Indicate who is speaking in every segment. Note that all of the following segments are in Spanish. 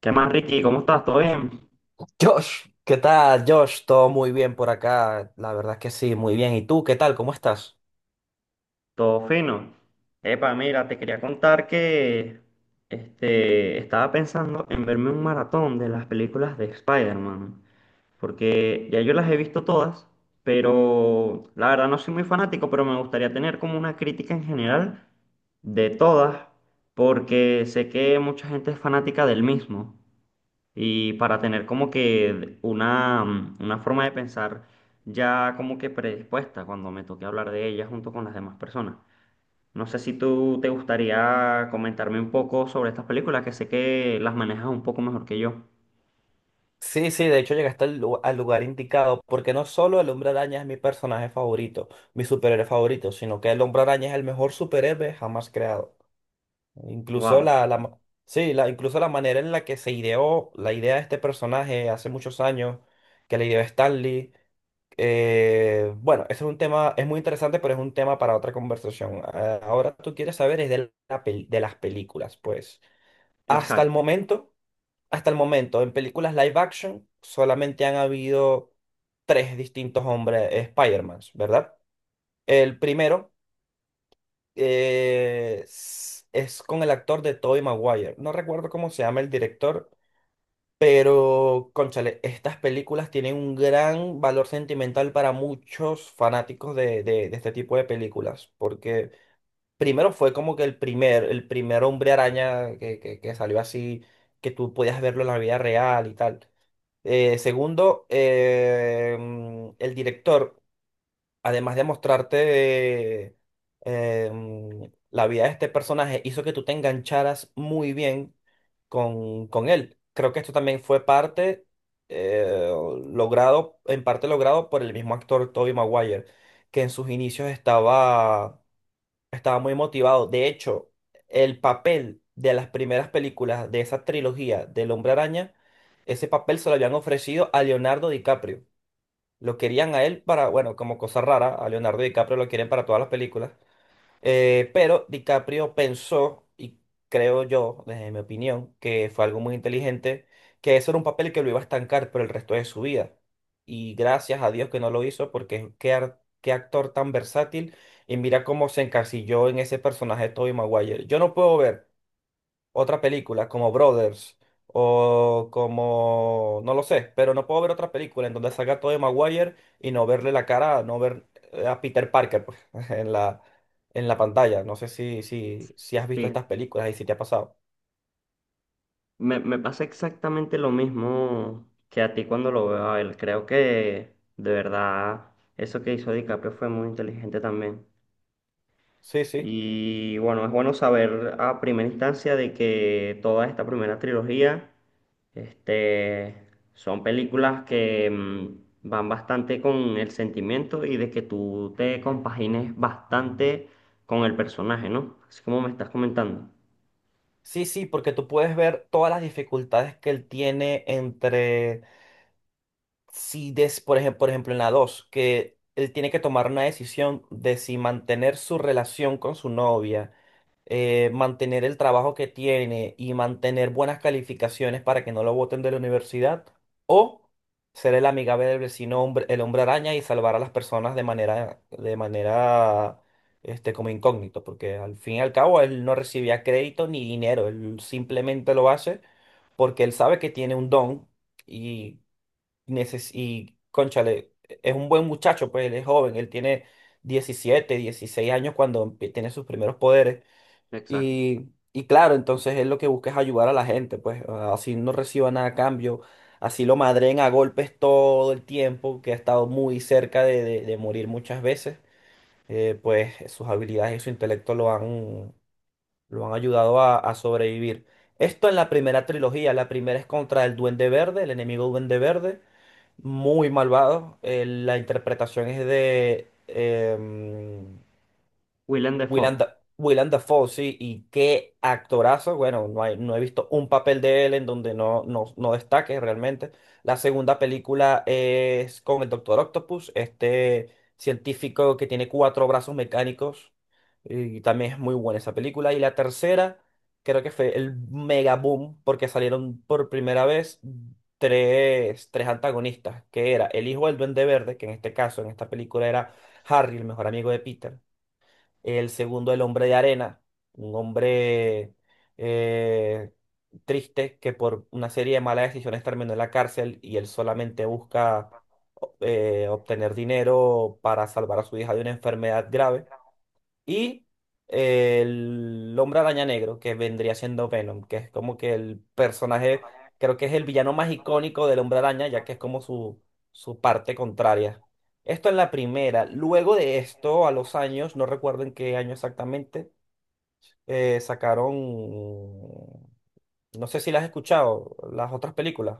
Speaker 1: ¿Qué más, Ricky? ¿Cómo estás? ¿Todo bien?
Speaker 2: Josh, ¿qué tal, Josh? Todo muy bien por acá, la verdad es que sí, muy bien. ¿Y tú, qué tal? ¿Cómo estás?
Speaker 1: ¿Todo fino? Epa, mira, te quería contar que estaba pensando en verme un maratón de las películas de Spider-Man, porque ya yo las he visto todas, pero la verdad no soy muy fanático, pero me gustaría tener como una crítica en general de todas, porque sé que mucha gente es fanática del mismo. Y para tener como que una, una forma de pensar ya como que predispuesta cuando me toque hablar de ella junto con las demás personas. No sé si tú te gustaría comentarme un poco sobre estas películas, que sé que las manejas un poco mejor que yo.
Speaker 2: Sí, sí, de hecho llegaste al lugar indicado, porque no solo el Hombre Araña es mi personaje favorito, mi superhéroe favorito, sino que el Hombre Araña es el mejor superhéroe jamás creado. Incluso
Speaker 1: Wow,
Speaker 2: la, la, ma- incluso la manera en la que se ideó la idea de este personaje hace muchos años, que la ideó Stanley. Bueno, Ese es un tema, es muy interesante, pero es un tema para otra conversación. Ahora tú quieres saber es de las películas, pues. Hasta el
Speaker 1: exacto,
Speaker 2: momento, hasta el momento, en películas live action solamente han habido tres distintos hombres Spider-Man, ¿verdad? El primero es con el actor de Tobey Maguire. No recuerdo cómo se llama el director, pero, cónchale, estas películas tienen un gran valor sentimental para muchos fanáticos de este tipo de películas, porque primero fue como que el primer hombre araña que salió así, que tú podías verlo en la vida real y tal. Segundo, el director además de mostrarte la vida de este personaje, hizo que tú te engancharas muy bien con él. Creo que esto también fue parte eh, logrado, en parte logrado por el mismo actor Tobey Maguire, que en sus inicios estaba, estaba muy motivado. De hecho, el papel de las primeras películas de esa trilogía del Hombre Araña, ese papel se lo habían ofrecido a Leonardo DiCaprio. Lo querían a él para, bueno, como cosa rara, a Leonardo DiCaprio lo quieren para todas las películas. Pero DiCaprio pensó, y creo yo, desde mi opinión, que fue algo muy inteligente, que eso era un papel que lo iba a estancar por el resto de su vida. Y gracias a Dios que no lo hizo, porque qué actor tan versátil. Y mira cómo se encasilló en ese personaje de Tobey Maguire. Yo no puedo ver otra película como Brothers o como, no lo sé, pero no puedo ver otra película en donde salga Tobey Maguire y no verle la cara, no ver a Peter Parker pues, en la, en la pantalla. No sé si has visto
Speaker 1: sí.
Speaker 2: estas películas y si te ha pasado.
Speaker 1: Me pasa exactamente lo mismo que a ti cuando lo veo a él. Creo que de verdad eso que hizo DiCaprio fue muy inteligente también.
Speaker 2: Sí, sí.
Speaker 1: Y bueno, es bueno saber a primera instancia de que toda esta primera trilogía, este, son películas que van bastante con el sentimiento y de que tú te compagines bastante con el personaje, ¿no? Así como me estás comentando.
Speaker 2: Sí, sí, porque tú puedes ver todas las dificultades que él tiene entre, si des, por ejemplo en la 2 que él tiene que tomar una decisión de si mantener su relación con su novia, mantener el trabajo que tiene y mantener buenas calificaciones para que no lo voten de la universidad, o ser el amigable del vecino hombre, el hombre araña y salvar a las personas de manera, este, como incógnito, porque al fin y al cabo él no recibía crédito ni dinero, él simplemente lo hace porque él sabe que tiene un don y, neces y cónchale, es un buen muchacho, pues él es joven, él tiene 17 16 años cuando empie- tiene sus primeros poderes.
Speaker 1: Exacto.
Speaker 2: Y claro, entonces él lo que busca es ayudar a la gente, pues así no reciba nada a cambio, así lo madren a golpes todo el tiempo, que ha estado muy cerca de morir muchas veces, pues sus habilidades y su intelecto lo han ayudado a sobrevivir. Esto en la primera trilogía, la primera es contra el Duende Verde, el enemigo Duende Verde, muy malvado, la interpretación es de...
Speaker 1: Willem
Speaker 2: Willem,
Speaker 1: Dafoe.
Speaker 2: Willem Dafoe, sí, y qué actorazo. Bueno, no hay, no he visto un papel de él en donde no destaque realmente. La segunda película es con el Doctor Octopus, este científico que tiene cuatro brazos mecánicos, y también es muy buena esa película. Y la tercera, creo que fue el mega boom, porque salieron por primera vez tres antagonistas, que era el hijo del Duende Verde, que en este caso, en esta película era Harry, el mejor amigo de Peter el segundo, El hombre de arena, un hombre eh, triste que por una serie de malas decisiones terminó en la cárcel y él solamente busca obtener dinero para salvar a su hija de una enfermedad grave. Y el Hombre Araña Negro, que vendría siendo Venom, que es como que el personaje, creo que es el villano más icónico del Hombre Araña, ya que es como su parte contraria. Esto en la primera. Luego de esto, a los años, no recuerdo en qué año exactamente, sacaron, no sé si las has escuchado, las otras películas.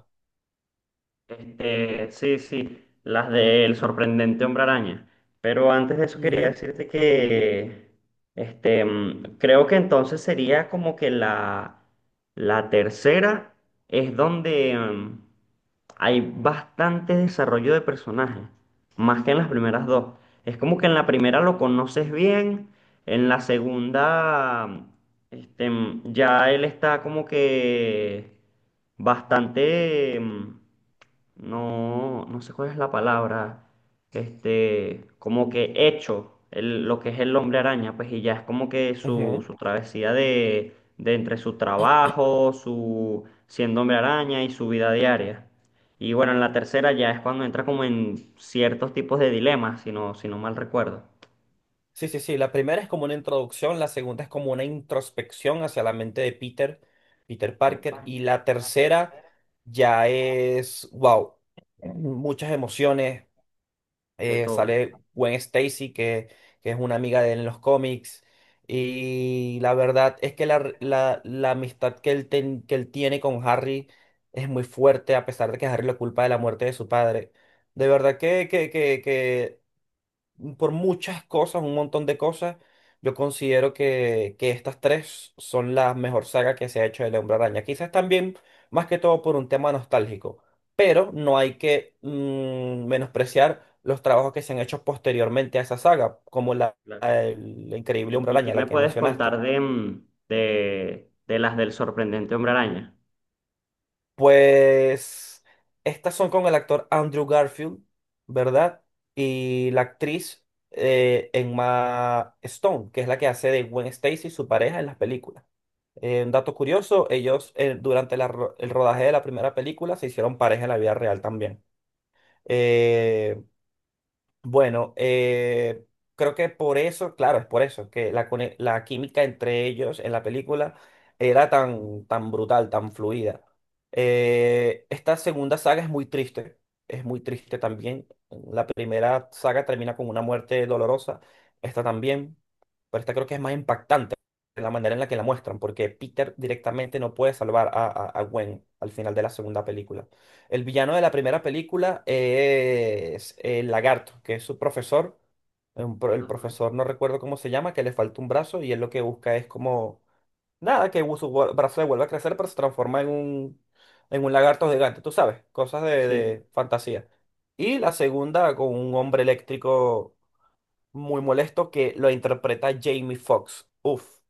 Speaker 1: Este, sí, sí, las del sorprendente hombre araña. Pero antes de eso quería
Speaker 2: Ujú,
Speaker 1: decirte que, creo que entonces sería como que la tercera es donde, hay bastante desarrollo de personaje, más que en las primeras dos. Es como que en la primera lo conoces bien, en la segunda, este, ya él está como que bastante, no sé cuál es la palabra, como que hecho lo que es el hombre araña, pues y ya es como que su,
Speaker 2: ujú.
Speaker 1: su travesía de entre su trabajo, su siendo hombre araña y su vida diaria. Y bueno, en la tercera ya es cuando entra como en ciertos tipos de dilemas, si no, si no mal recuerdo.
Speaker 2: Sí, sí, sí. La primera es como una introducción, la segunda es como una introspección hacia la mente de Peter
Speaker 1: Ok,
Speaker 2: Parker, y la tercera ya es, wow, muchas emociones.
Speaker 1: de todo.
Speaker 2: Sale Gwen Stacy, que es una amiga de él en los cómics, y la verdad es que la amistad que él, que él tiene con Harry es muy fuerte, a pesar de que Harry lo culpa de la muerte de su padre. De verdad que por muchas cosas, un montón de cosas. Yo considero que estas tres son la mejor saga que se ha hecho del Hombre Araña. Quizás también, más que todo, por un tema nostálgico. Pero no hay que menospreciar los trabajos que se han hecho posteriormente a esa saga, como la
Speaker 1: Claro.
Speaker 2: del Increíble Hombre
Speaker 1: Y qué
Speaker 2: Araña,
Speaker 1: me
Speaker 2: la que
Speaker 1: puedes contar
Speaker 2: mencionaste.
Speaker 1: de, de las del sorprendente hombre araña?
Speaker 2: Pues estas son con el actor Andrew Garfield, ¿verdad? Y la actriz Emma Stone, que es la que hace de Gwen Stacy, su pareja en las películas. Un dato curioso, ellos durante el rodaje de la primera película se hicieron pareja en la vida real también. Eh, bueno, eh, Creo que por eso, claro, es por eso, que la química entre ellos en la película era tan, tan brutal, tan fluida. Esta segunda saga es muy triste también. La primera saga termina con una muerte dolorosa, esta también, pero esta creo que es más impactante la manera en la que la muestran, porque Peter directamente no puede salvar a Gwen al final de la segunda película. El villano de la primera película es el lagarto, que es su profesor. El
Speaker 1: Ajá,
Speaker 2: profesor no recuerdo cómo se llama, que le falta un brazo y él lo que busca es como, nada, que su brazo le vuelva a crecer, pero se transforma en un lagarto gigante, tú sabes, cosas
Speaker 1: sí.
Speaker 2: de fantasía. Y la segunda con un hombre eléctrico muy molesto que lo interpreta Jamie Foxx. Uf,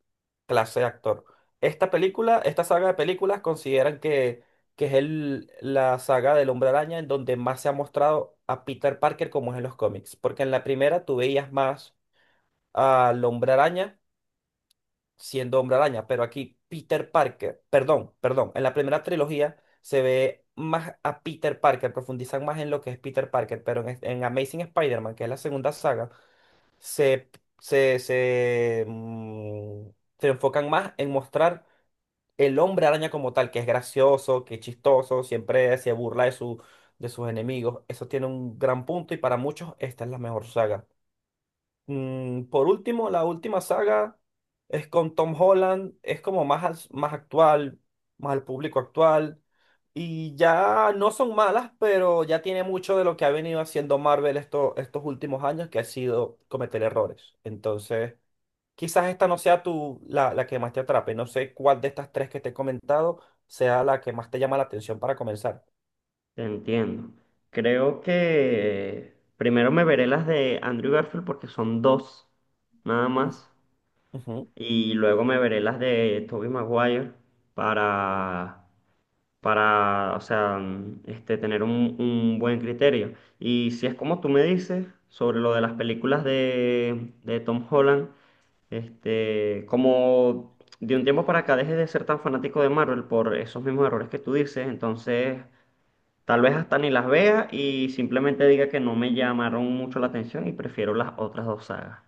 Speaker 2: clase de actor. Esta película, esta saga de películas consideran que es el, la saga del Hombre Araña en donde más se ha mostrado a Peter Parker como es en los cómics. Porque en la primera tú veías más al Hombre Araña siendo Hombre Araña, pero aquí Peter Parker, perdón, perdón, en la primera trilogía se ve más a Peter Parker, profundizan más en lo que es Peter Parker, pero en Amazing Spider-Man, que es la segunda saga, se, se, se, mm, se enfocan más en mostrar el hombre araña como tal, que es gracioso, que es chistoso, siempre se burla de, su, de sus enemigos. Eso tiene un gran punto y para muchos esta es la mejor saga. Por último, la última saga es con Tom Holland, es como más, más actual, más al público actual. Y ya no son malas, pero ya tiene mucho de lo que ha venido haciendo Marvel estos últimos años, que ha sido cometer errores. Entonces, quizás esta no sea la que más te atrape. No sé cuál de estas tres que te he comentado sea la que más te llama la atención para comenzar.
Speaker 1: Entiendo. Creo que primero me veré las de Andrew Garfield porque son dos, nada
Speaker 2: Ujú.
Speaker 1: más.
Speaker 2: Ujú.
Speaker 1: Y luego me veré las de Tobey Maguire para o sea, tener un buen criterio. Y si es como tú me dices sobre lo de las películas de Tom Holland, como de un tiempo para acá dejes de ser tan fanático de Marvel por esos mismos errores que tú dices, entonces tal vez hasta ni las vea y simplemente diga que no me llamaron mucho la atención y prefiero las otras dos sagas.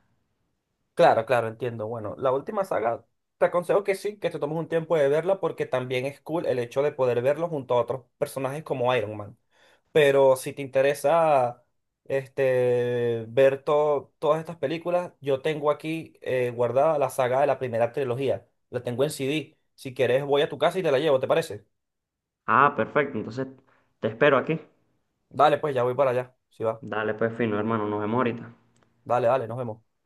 Speaker 2: Claro, claro, entiendo. Bueno, la última saga, te aconsejo que sí, que te tomes un tiempo de verla porque también es cool el hecho de poder verlo junto a otros personajes como Iron Man. Pero si te interesa este, ver todas estas películas, yo tengo aquí guardada la saga de la primera trilogía. La tengo en CD. Si quieres, voy a tu casa y te la llevo, ¿te parece?
Speaker 1: Ah, perfecto, entonces te espero aquí.
Speaker 2: Dale, pues ya voy para allá. Si va.
Speaker 1: Dale, pues fino, hermano, nos vemos ahorita.
Speaker 2: Dale, dale, nos vemos.